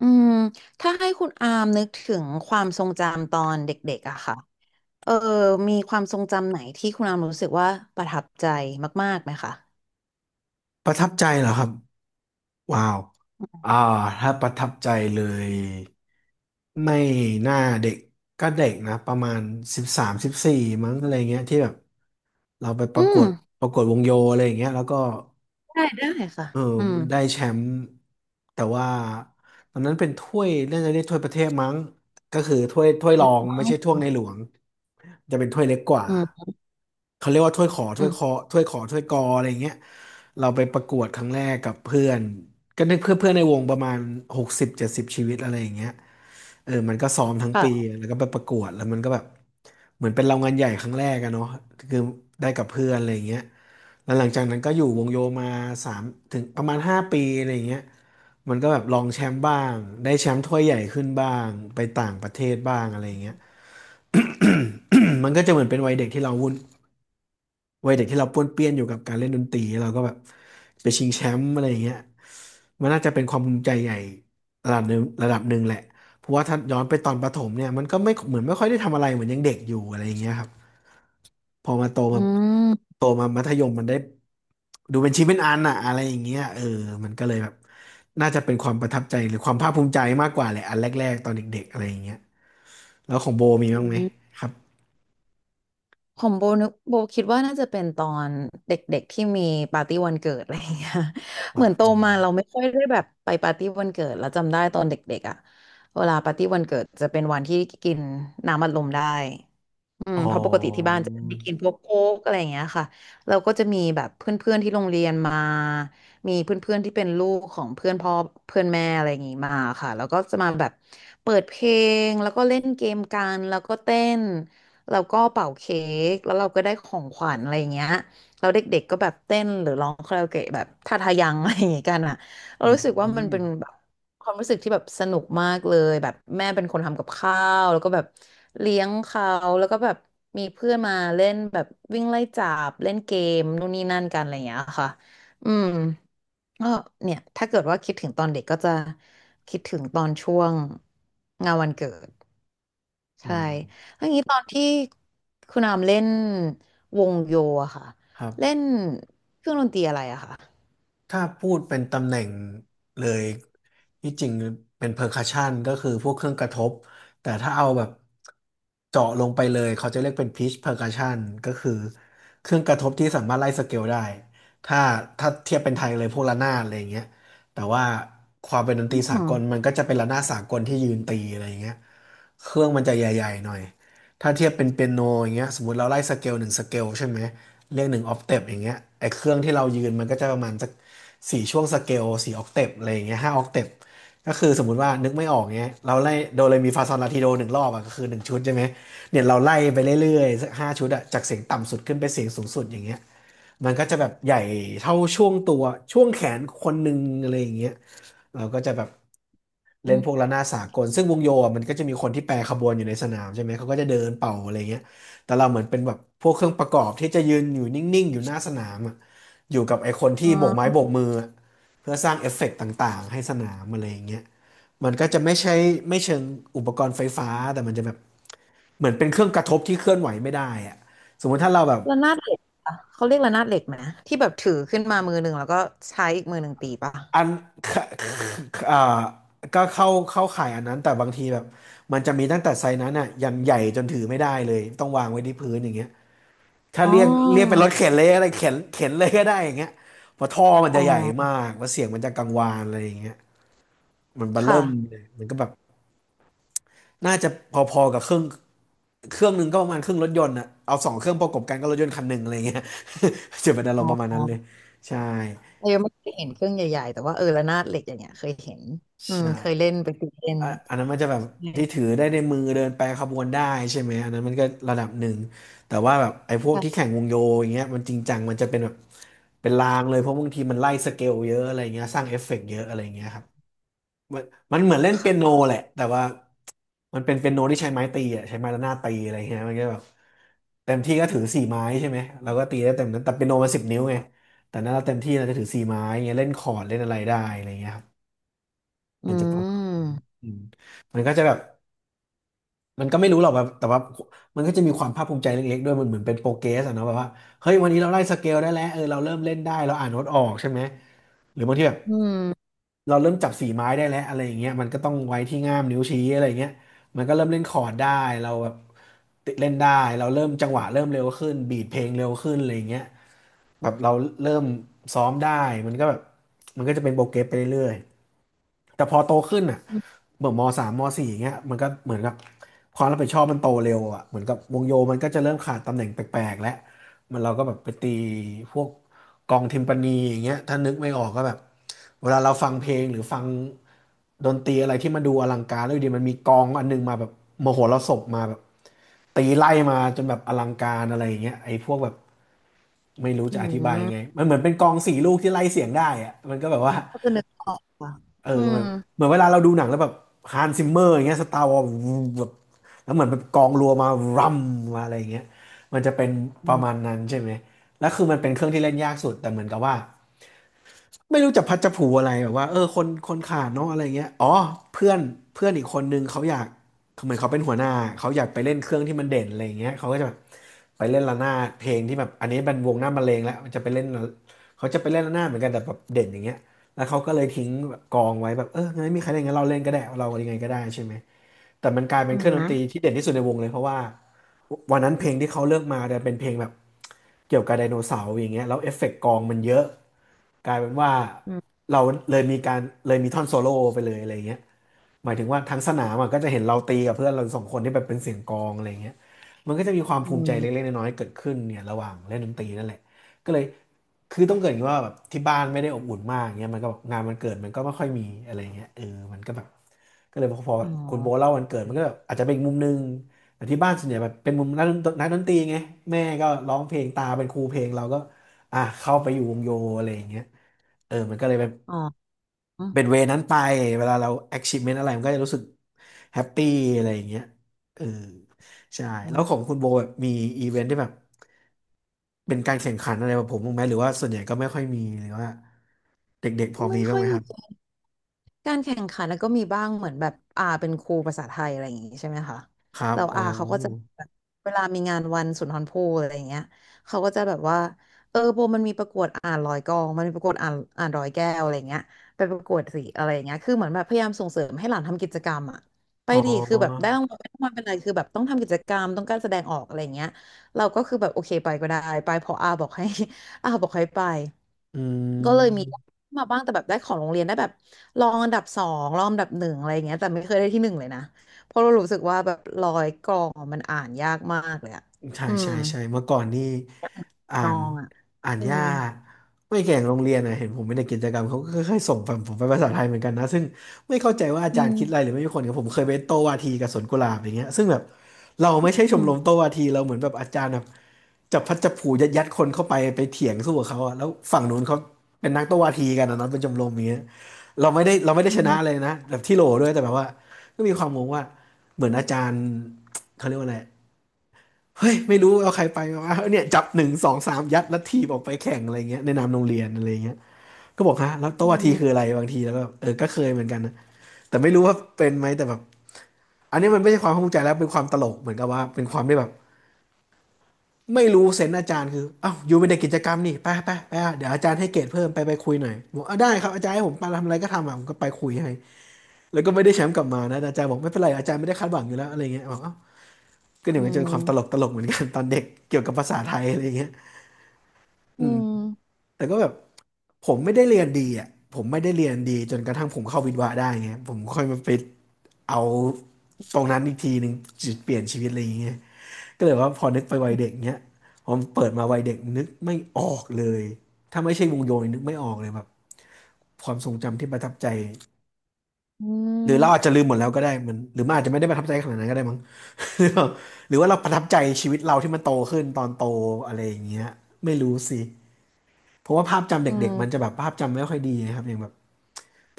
อืมถ้าให้คุณอามนึกถึงความทรงจำตอนเด็กๆอะค่ะเออมีความทรงจำไหนที่คุณอามรู้สึกว่าประทับใจมากๆไหมคะประทับใจเหรอครับว้าวอ่าถ้าประทับใจเลยไม่น่าเด็กก็เด็กนะประมาณ13-14มั้งอะไรเงี้ยที่แบบเราไปปอืระกมวดประกวดวงโยอะไรอย่างเงี้ยแล้วก็ ได้ค่ะเอออืมได้แชมป์แต่ว่าตอนนั้นเป็นถ้วยน่าจะเรียกถ้วยประเทศมั้งก็คือถ้วยรอืองมไม่ใช่ถ้วยในหลวงจะเป็นถ้วยเล็กกว่าอืมเขาเรียกว่าถ้วยขออืถ้วยคอมถ้วยขอถ้วยกออะไรอย่างเงี้ยเราไปประกวดครั้งแรกกับเพื่อนก็นึกเพื่อนเพื่อนในวงประมาณ60-70ชีวิตอะไรอย่างเงี้ยมันก็ซ้อมทั้งค่ะปีแล้วก็ไปประกวดแล้วมันก็แบบเหมือนเป็นรางวัลใหญ่ครั้งแรกอะเนาะคือได้กับเพื่อนอะไรอย่างเงี้ย แล้วหลังจากนั้นก็อยู่วงโยมาสามถึงประมาณ5 ปีอะไรอย่างเงี้ยมันก็แบบลองแชมป์บ้างได้แชมป์ถ้วยใหญ่ขึ้นบ้างไปต่างประเทศบ้างอะไรอย่างเงี้ย มันก็จะเหมือนเป็นวัยเด็กที่เราวุ่นวัยเด็กที่เราป้วนเปี้ยนอยู่กับการเล่นดนตรีเราก็แบบไปชิงแชมป์อะไรอย่างเงี้ยมันน่าจะเป็นความภูมิใจใหญ่ระดับหนึ่งระดับหนึ่งแหละเพราะว่าถ้าย้อนไปตอนประถมเนี่ยมันก็ไม่เหมือนไม่ค่อยได้ทำอะไรเหมือนยังเด็กอยู่อะไรอย่างเงี้ยครับ พอมาโตอืมามโตมามัธยมมันได้ดูเป็นชิ้นเป็นอันอะอะไรอย่างเงี้ยมันก็เลยแบบน่าจะเป็นความประทับใจหรือความภาคภูมิใจมากกว่าแหละอันแรกๆตอนเด็กๆอะไรอย่างเงี้ยแล้วของโบมีอืบ้างไหมมครับของโบคิดว่าน่าจะเป็นตอนเด็กๆที่มีปาร์ตี้วันเกิดอะไรอย่างเงี้ย เหว่ามือนโตมาเราไม่ค่อยได้แบบไปปาร์ตี้วันเกิดแล้วจำได้ตอนเด็กๆอะเวลาปาร์ตี้วันเกิดจะเป็นวันที่กินน้ำอัดลมได้ อืมอ๋อเพราะปกติที่บ้านจะไม่กินพวกโค้กอะไรอย่างเงี้ยค่ะเราก็จะมีแบบเพื่อนๆที่โรงเรียนมามีเพื่อนๆที่เป็นลูกของเพื่อนพ่อเพื่อนแม่อะไรอย่างงี้มาค่ะแล้วก็จะมาแบบเปิดเพลงแล้วก็เล่นเกมกันแล้วก็เต้นแล้วก็เป่าเค้กแล้วเราก็ได้ของขวัญอะไรอย่างเงี้ยแล้วเด็กๆก็แบบเต้นหรือร้องคาราโอเกะแบบท่าทายังอะไรอย่างงี้กันอ่ะ เราอืรู้สึกว่ามันมเป็นแบบความรู้สึกที่แบบสนุกมากเลยแบบแม่เป็นคนทำกับข้าวแล้วก็แบบเลี้ยงเขาแล้วก็แบบมีเพื่อนมาเล่นแบบวิ่งไล่จับเล่นเกมนู่นนี่นั่นกันอะไรอย่างเงี้ยค่ะอืมก็เนี่ยถ้าเกิดว่าคิดถึงตอนเด็กก็จะคิดถึงตอนช่วงงานวันเกิดอืใช่มแล้วอย่างนี้ตอนที่ คุณอามเล่นวงโยอะค่ะครัเล่บ นเครื่องดนตรีอะไรอะค่ะถ้าพูดเป็นตำแหน่งเลยที่จริงเป็นเพอร์คัชชันก็คือพวกเครื่องกระทบแต่ถ้าเอาแบบเจาะลงไปเลยเขาจะเรียกเป็นพิชเพอร์คัชชันก็คือเครื่องกระทบที่สามารถไล่สเกลได้ถ้าถ้าเทียบเป็นไทยเลยพวกระนาดอะไรอย่างเงี้ยแต่ว่าความเป็นดนตอืรีมสาอกมลมันก็จะเป็นระนาดสากลที่ยืนตีอะไรอย่างเงี้ยเครื่องมันจะใหญ่ๆหน่อย ถ้าเทียบเป็นเปียโนอย่างเงี้ยสมมติเราไล่สเกลหนึ่งสเกลใช่ไหมเรียกหนึ่งออกเทปอย่างเงี้ยไอ้เครื่องที่เรายืนมันก็จะประมาณสักสี่ช่วงสเกล4 ออกเทปอะไรอย่างเงี้ย5 ออกเทปก็คือสมมติว่านึกไม่ออกเงี้ยเราไล่โดเรมีฟาซอลลาทิโดหนึ่งรอบอะก็คือหนึ่งชุดใช่ไหมเนี่ยเราไล่ไปเรื่อยๆสัก5 ชุดอะจากเสียงต่ำสุดขึ้นไปเสียงสูงสุดอย่างเงี้ยมันก็จะแบบใหญ่เท่าช่วงตัวช่วงแขนคนหนึ่งอะไรอย่างเงี้ย เราก็จะแบบเล่อ๋นพวกระนาดสากลซึ่งวงโยอ่ะมันก็จะมีคนที่แปรขบวนอยู่ในสนามใช่ไหมเขาก็จะเดินเป่าอะไรเงี้ยแต่เราเหมือนเป็นแบบพวกเครื่องประกอบที่จะยืนอยู่นิ่งๆอยู่หน้าสนามอ่ะอยู่กับไอ้คนที่โบกไม้อ โบกมืออะเพื่อสร้างเอฟเฟกต์ต่างๆให้สนามอะไรอย่างเงี้ยมันก็จะไม่ใช่ไม่เชิงอุปกรณ์ไฟฟ้าแต่มันจะแบบเหมือนเป็นเครื่องกระทบที่เคลื่อนไหวไม่ได้อ่ะสมมุติถ้าเราแบบ ระนาดเหล็กเหรอเขาเรียกระนาดเหล็กไหมที่แบบถือขึ้นมามือหนึ่งแล้วก็ใช้อีกมือหนึ่งตีป่ะอัน ค่ะอ่าก็เข้าข่ายอันนั้นแต่บางทีแบบมันจะมีตั้งแต่ไซส์นั้นอ่ะอย่างใหญ่จนถือไม่ได้เลยต้องวางไว้ที่พื้นอย่างเงี้ยถ้าอ๋อเรียกเรียกเป็นรถเข็นเลยอะ ไรเข็นเข็นเลยก็ได้อย่างเงี้ยเพราะท่อมันอ๋อจะใหญ่มากแล้วเสียงมันจะกังวานอะไรอย่างเงี้ยมันเบอค่ะเริ่มเลยมันก็แบบน่าจะพอๆกับเครื่องหนึ่งก็ประมาณครึ่งรถยนต์อ่ะเอา2 เครื่องประกบกันก็รถยนต์คันหนึ่งอะไรเงี้ย จะเป็นอารอ๋มณ์ประมาณอนั้นเลยใช่เรายังไม่เคยเห็นเครื่องใหญ่ๆแต่ว่าระนาดเหล็กอย่างเงี้ยเคยเห็นอืมใช่ เคยเล่นไปตีเล่นอะอันนั้นมันจะแบบใชที่่ถือได้ในมือเดินไปรขบวนได้ใช่ไหมอันนั้นมันก็ระดับหนึ่งแต่ว่าแบบไอ้พวกที่ค่ะแข่งวงโยอย่างเงี้ยมันจริงจังมันจะเป็นแบบเป็นรางเลยเพราะบางทีมันไล่สเกลเยอะอะไรเงี้ยสร้างเอฟเฟกต์เยอะอะไรเงี้ยครับมันมันเหมือนเล่นเปียโนค่ะแหละแต่ว่ามันเป็นเปียโนที่ใช้ไม้ตีอ่ะใช้ไม้ระนาดตีอะไรเงี้ยมันก็แบบเต็มที่ก็ถือสี่ไม้ใช่ไหมเราก็ตีได้เต็มนั้นแต่เปียโนมันสิบนิ้วไงแต่นั้นเราเต็มที่เราจะถือสี่ไม้เงี้ยเล่นคอร์ดเล่นอะไรได้อะไรเงี้ยครับอืมันจะประมาณนั้นมอืมมันก็จะแบบ มันก็ไม่รู้หรอกแบบแต่ว่ามันก็จะมีความภาคภูมิใจเล็กๆด้วยมันเหมือนเป็นโปรเกรสอะเนาะแบบว่าเฮ้ยวันนี้เราไล่สเกลได้แล้วเออเราเริ่มเล่นได้เราอ่านโน้ตออกใช่ไหมหรือบางทีแบบอืมเราเริ่มจับสีไม้ได้แล้วอะไรอย่างเงี้ยมันก็ต้องไว้ที่ง่ามนิ้วชี้อะไรอย่างเงี้ยมันก็เริ่มเล่นคอร์ดได้เราแบบติดเล่นได้เราเริ่มจังหวะเริ่มเร็วขึ้นบีทเพลงเร็วขึ้นอะไรอย่างเงี้ยแบบเราเริ่มซ้อมได้มันก็แบบมันก็จะเป็นโปรเกรสไปเรื่อยๆ แต่พอโตขึ้นอ่ะอืมเหมือนมสามมสี่อย่างเงี้ยมันก็เหมือนกับความรับผิดชอบมันโตเร็วอ่ะเหมือนกับวงโยมันก็จะเริ่มขาดตำแหน่งแปลกๆแล้วมันเราก็แบบไปตีพวกกองทิมปานีอย่างเงี้ยถ้านึกไม่ออกก็แบบเวลาเราฟังเพลงหรือฟังดนตรีอะไรที่มันดูอลังการแล้วอยู่ดีมันมีกองอันนึงมาแบบมโหรสพมาแบบตีไล่มาจนแบบอลังการอะไรอย่างเงี้ยไอ้พวกแบบไม่รู้จะอธิบายยังไงอมันเหมือนเป็นกองสี่ลูกที่ไล่เสียงได้อะมันก็แบบว่า ก็จะนึกออกค่ะเอออืเหมมือนเหมือนเวลาเราดูหนังแล้วแบบฮันซิมเมอร์อย่างเงี้ยสตาร์วอร์แบบแล้วเหมือนแบบกองรัวมารัมมาอะไรอย่างเงี้ยมันจะเป็นปอืระมาณมนั้นใช่ไหมแล้วคือมันเป็นเครื่องที่เล่นยากสุดแต่เหมือนกับว่า ไม่รู้จะพัดจะผูอะไรแบบว่าเออคนคนขาดเนาะอะไรเงี้ยอ๋อเพื่อนเพื่อนอีกคนนึงเขาอยากเหมือนเขาเป็นหัวหน้าเขาอยากไปเล่นเครื่องที่มันเด่นอะไรเงี้ยเขาก็จะแบบไปเล่นระนาดเพลงที่แบบอันนี้เป็นวงหน้ามะเร็งแล้วมันจะไปเล่นเขาจะไปเล่นระนาดเหมือนกันแต่แบบเด่นอย่างเงี้ยแล้วเขาก็เลยทิ้งแบบกองไว้แบบเอองั้นไม่มีใครเล่นงั้นเราเล่นก็ได้เรายังไงก็ได้ใช่ไหมแต่มันกลายเป็อืนเคมรื่องดนนะตรีที่เด่นที่สุดในวงเลยเพราะว่าวันนั้นเพลงที่เขาเลือกมาเนี่ยเป็นเพลงแบบ เกี่ยวกับไดโนเสาร์อย่างเงี้ยแล้วเอฟเฟกต์กองมันเยอะกลายเป็นว่าอืมเราเลยมีการเลยมีท่อนโซโล่ไปเลยอะไรเงี้ยหมายถึงว่าทั้งสนามอะก็จะเห็นเราตีกับเพื่อนเราสองคนที่แบบเป็นเสียงกลองอะไรเงี้ยมันก็จะมีความอืภูมิใจเล็กมๆน้อยๆเกิดขึ้นเนี่ยระหว่างเล่นดนตรีนั่นแหละก็เลยคือต้องเกริดว่าแบบที่บ้านไม่ได้อบอุ่นมากเงี้ยมันก็แบบงานมันเกิดมันก็ไม่ค่อยมีอะไรเงี้ยเออมันก็แบบก็เลยพอแบอ๋อบคุณโบเล่าวันเกิดมันก็แบบอาจจะเป็นอีกมุมนึง แต่ที่บ้านส่วนใหญ่แบบเป็นมุมนักดนตรีไงแม่ก็ร้องเพลงตาเป็นครูเพลงเราก็อ่ะเข้าไปอยู่วงโยอะไรอย่างเงี้ยเออมันก็เลยเป็นอ๋อเป็นเวนั้นไปเวลาเรา achievement อะไรมันก็จะรู้สึกแฮปปี้อะไรอย่างเงี้ยเออใช่อืแล้วขมองคุณโบแบบมีอีเวนท์ที่แบบเป็นการแข่งขันอะไรแบบผมบ้างไหมหรือว่าส่วนใหญ่ก็ไม่ค่อยมีหรือว่าเด็กๆพอไม่มีบ้าค่งอไหยมครัมี บการแข่งขันแล้วก็มีบ้างเหมือนแบบอาเป็นครูภาษาไทยอะไรอย่างงี้ใช่ไหมคะครับแล้วอ๋ออาเขาก็จะแบบเวลามีงานวันสุนทรภู่อะไรอย่างเงี้ยเขาก็จะแบบว่าโบมันมีประกวดอ่านร้อยกลองมันมีประกวดอ่านร้อยแก้วอะไรอย่างเงี้ยไปประกวดสิอะไรอย่างเงี้ยคือเหมือนแบบพยายามส่งเสริมให้หลานทำกิจกรรมอะไปอ๋อดีคือแบบได้รางวัลไม่ได้รางวัลเป็นไรคือแบบต้องทำกิจกรรมต้องการแสดงออกอะไรอย่างเงี้ยเราก็คือแบบโอเคไปก็ได้ไปเพออาบอกให้ อาบอกให้ไปอืก็เลยมี ม มาบ้างแต่แบบได้ของโรงเรียนได้แบบรองอันดับสองรองอันดับหนึ่งอะไรอย่างเงี้ยแต่ไม่เคยได้ที่หนึ่งเลยนะเพราะเรารู้สึกว่าแบบร้อยกรองอะมันอ่านยากมากเลยอะใช่อืมใช่ใช่เมื่อก่อนนี่อ่านอนงอะอ่านอืยามกไม่แข่งโรงเรียนนะเห็นผมไม่ได้กิจกรรมเขาก็ค่อยๆส่งผมผมไปภาษาไทยเหมือนกันนะซึ่งไม่เข้าใจว่าอาอืจารย์มคิดอะไรหรือไม่มีคนกับผมเคยไปโต้วาทีกับสวนกุหลาบอย่างเงี้ยซึ่งแบบเราไม่ใช่ชอืมมรมโต้วาทีเราเหมือนแบบอาจารย์แบบจับพัดจับผูยัดคนเข้าไปไปเถียงสู้กับเขาอะแล้วฝั่งนู้นเขาเป็นนักโต้วาทีกันนะเนาะเป็นชมรมอย่างเงี้ยเราไม่ได้อืชนะเลยมนะแบบที่โหลด้วยแต่แบบว่าก็มีความงงว่าเหมือนอาจารย์เขาเรียกว่าอะไร เฮ้ยไม่รู้เอาใครไปวะเนี่ยจับ1 2 3ยัดแล้วทีบออกไปแข่งอะไรเงี้ยในนามโรงเรียนอะไรเงี้ยก็บอกฮะแล้วอืโต๊ะวาทีคือมอะไรบางทีแล้วก็เออก็เคยเหมือนกันนะแต่ไม่รู้ว่าเป็นไหมแต่แบบอันนี้มันไม่ใช่ความภาคภูมิใจแล้วเป็นความตลกเหมือนกับว่าเป็นความได้แบบไม่รู้เซนส์อาจารย์คืออ้าวอยู่เป็นเด็กกิจกรรมนี่ไปอ่ะเดี๋ยวอาจารย์ให้เกรดเพิ่มไปคุยหน่อยบอกอ่ะได้ครับอาจารย์ให้ผมไปทำอะไรก็ทำอ่ะผมก็ไปคุยให้แล้วก็ไม่ได้แชมป์กลับมานะแต่อาจารย์บอกไม่เป็นไรอาจารย์ไม่ได้คาดหวังอยู่แล้วอะไรเงี้ยบอกเอ้าวก็เดี๋ยวมันจะเป็นความตลกเหมือนกันตอนเด็กเกี่ยวกับภาษาไทยอะไรเงี้ยอือืม มอืมแต่ก็แบบผมไม่ได้เรียนดีอ่ะผมไม่ได้เรียนดีจนกระทั่งผมเข้าวิทย์วะได้ไงผมค่อยมาไปเอาตรงนั้นอีกทีหนึ่งจุดเปลี่ยนชีวิตอะไรอย่างเงี้ยก็เลยว่าพอนึกไปวัยเด็กเนี้ยผมเปิดมาวัยเด็กนึกไม่ออกเลยถ้าไม่ใช่วงโยนนึกไม่ออกเลยแบบความทรงจำที่ประทับใจอืหรือเราอาจมจะลืมหมดแล้วก็ได้มันหรือมันอาจจะไม่ได้ประทับใจขนาดนั้นก็ได้มั้ง หรือว่าหรือว่าเราประทับใจชีวิตเราที่มันโตขึ้นตอนโตอะไรอย่างเงี้ยไม่รู้สิเพราะว่าภาพจำอเด็กๆมันจะืแบบภาพจำไม่ค่อยดีนะครับอย่างแบบ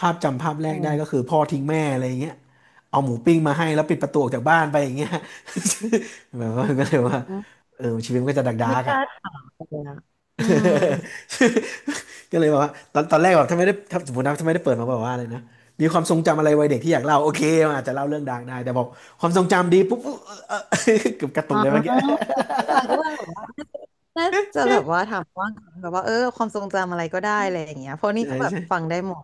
ภาพจำภาพแรกได้ก็มคือพ่อทิ้งแม่อะไรอย่างเงี้ยเอาหมูปิ้งมาให้แล้วปิดประตูออกจากบ้านไปอย่างเงี้ย แบบว่าก็เลยว่าอืมเออชีวิตมันก็จะดักดัไม่กกอ่ะ ล้าถามเลยอะอืม ก็เลยแบบว่าตอนแรกแบบถ้าไม่ได้ถ้าสมมตินะถ้าไม่ได้เปิดมาบอกว่าอะไรนะมีความทรงจำอะไรวัยเด็กที่อยากเล่าโอเคมันอาจจะเล่าเรื่องดักได้แต่บอกความทรงจำดีปุ๊บเออเออ เกือบกระตุอ๋กอเลยเมื่อกี้ คิดว่า น่าจะแบบว่าถามว่างแบบว่าความทรงจำอะไรก็ได้อะไรอย่างเงี้ยเพราะ นี่ใช่ก็แบบใช่ ฟังได้หมด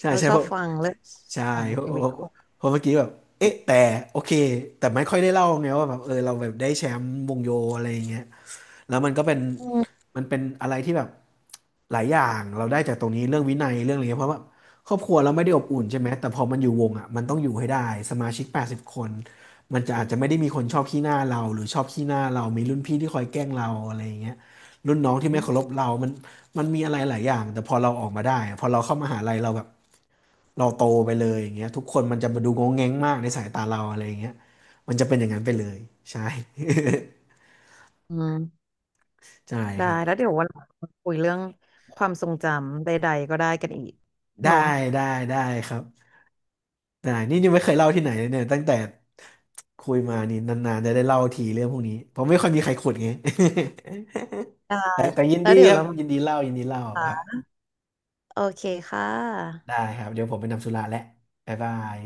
ใช่เราใช่ชอบฟังเรื่องใช่ของเพราชีวิตะคนเมื่อกี้แบบเอ๊ะแต่โอเคแต่ไม่ค่อยได้เล่าไงว่าแบบเออเราแบบได้แชมป์วงโยอะไรอย่างเงี้ยแล้วมันก็เป็นอืมมันเป็นอะไรที่แบบหลายอย่างเราได้จากตรงนี้เรื่องวินัยเรื่องอะไรเงี้ยเพราะว่าครอบครัวเราไม่ได้อบอุ่นใช่ไหมแต่พอมันอยู่วงอ่ะมันต้องอยู่ให้ได้สมาชิก80คนมันจะอาจจะไม่ได้มีคนชอบขี้หน้าเราหรือชอบขี้หน้าเรามีรุ่นพี่ที่คอยแกล้งเราอะไรอย่างเงี้ยรุ่นน้องที่ไม่เคารพเรามันมีอะไรหลายอย่างแต่พอเราออกมาได้อะพอเราเข้ามหาลัยเราแบบ เราโตไปเลยอย่างเงี้ยทุกคนมันจะมาดูงงแงงมากในสายตาเราอะไรอย่างเงี้ยมันจะเป็นอย่างนั้นไปเลยใช่ อืม ใช่ได้ครับแล้วเดี๋ยววันหลังมาคุยเรื่องความทรงจำใดๆก็ได้กันอีกได้เนาะได้ได้ครับได้นี่ยังไม่เคยเล่าที่ไหนเลยเนี่ยตั้งแต่คุยมานี่นานๆจะได้เล่าทีเรื่องพวกนี้เพราะไม่ค่อยมีใครขุดไง ได้ แต่ยินแล้วดีเดี๋ยควรับเรามยินดีเล่ายินดีเล่าครับาโอเคค่ะได้ครับเดี๋ยวผมไปนำสุราแล้วบ๊ายบาย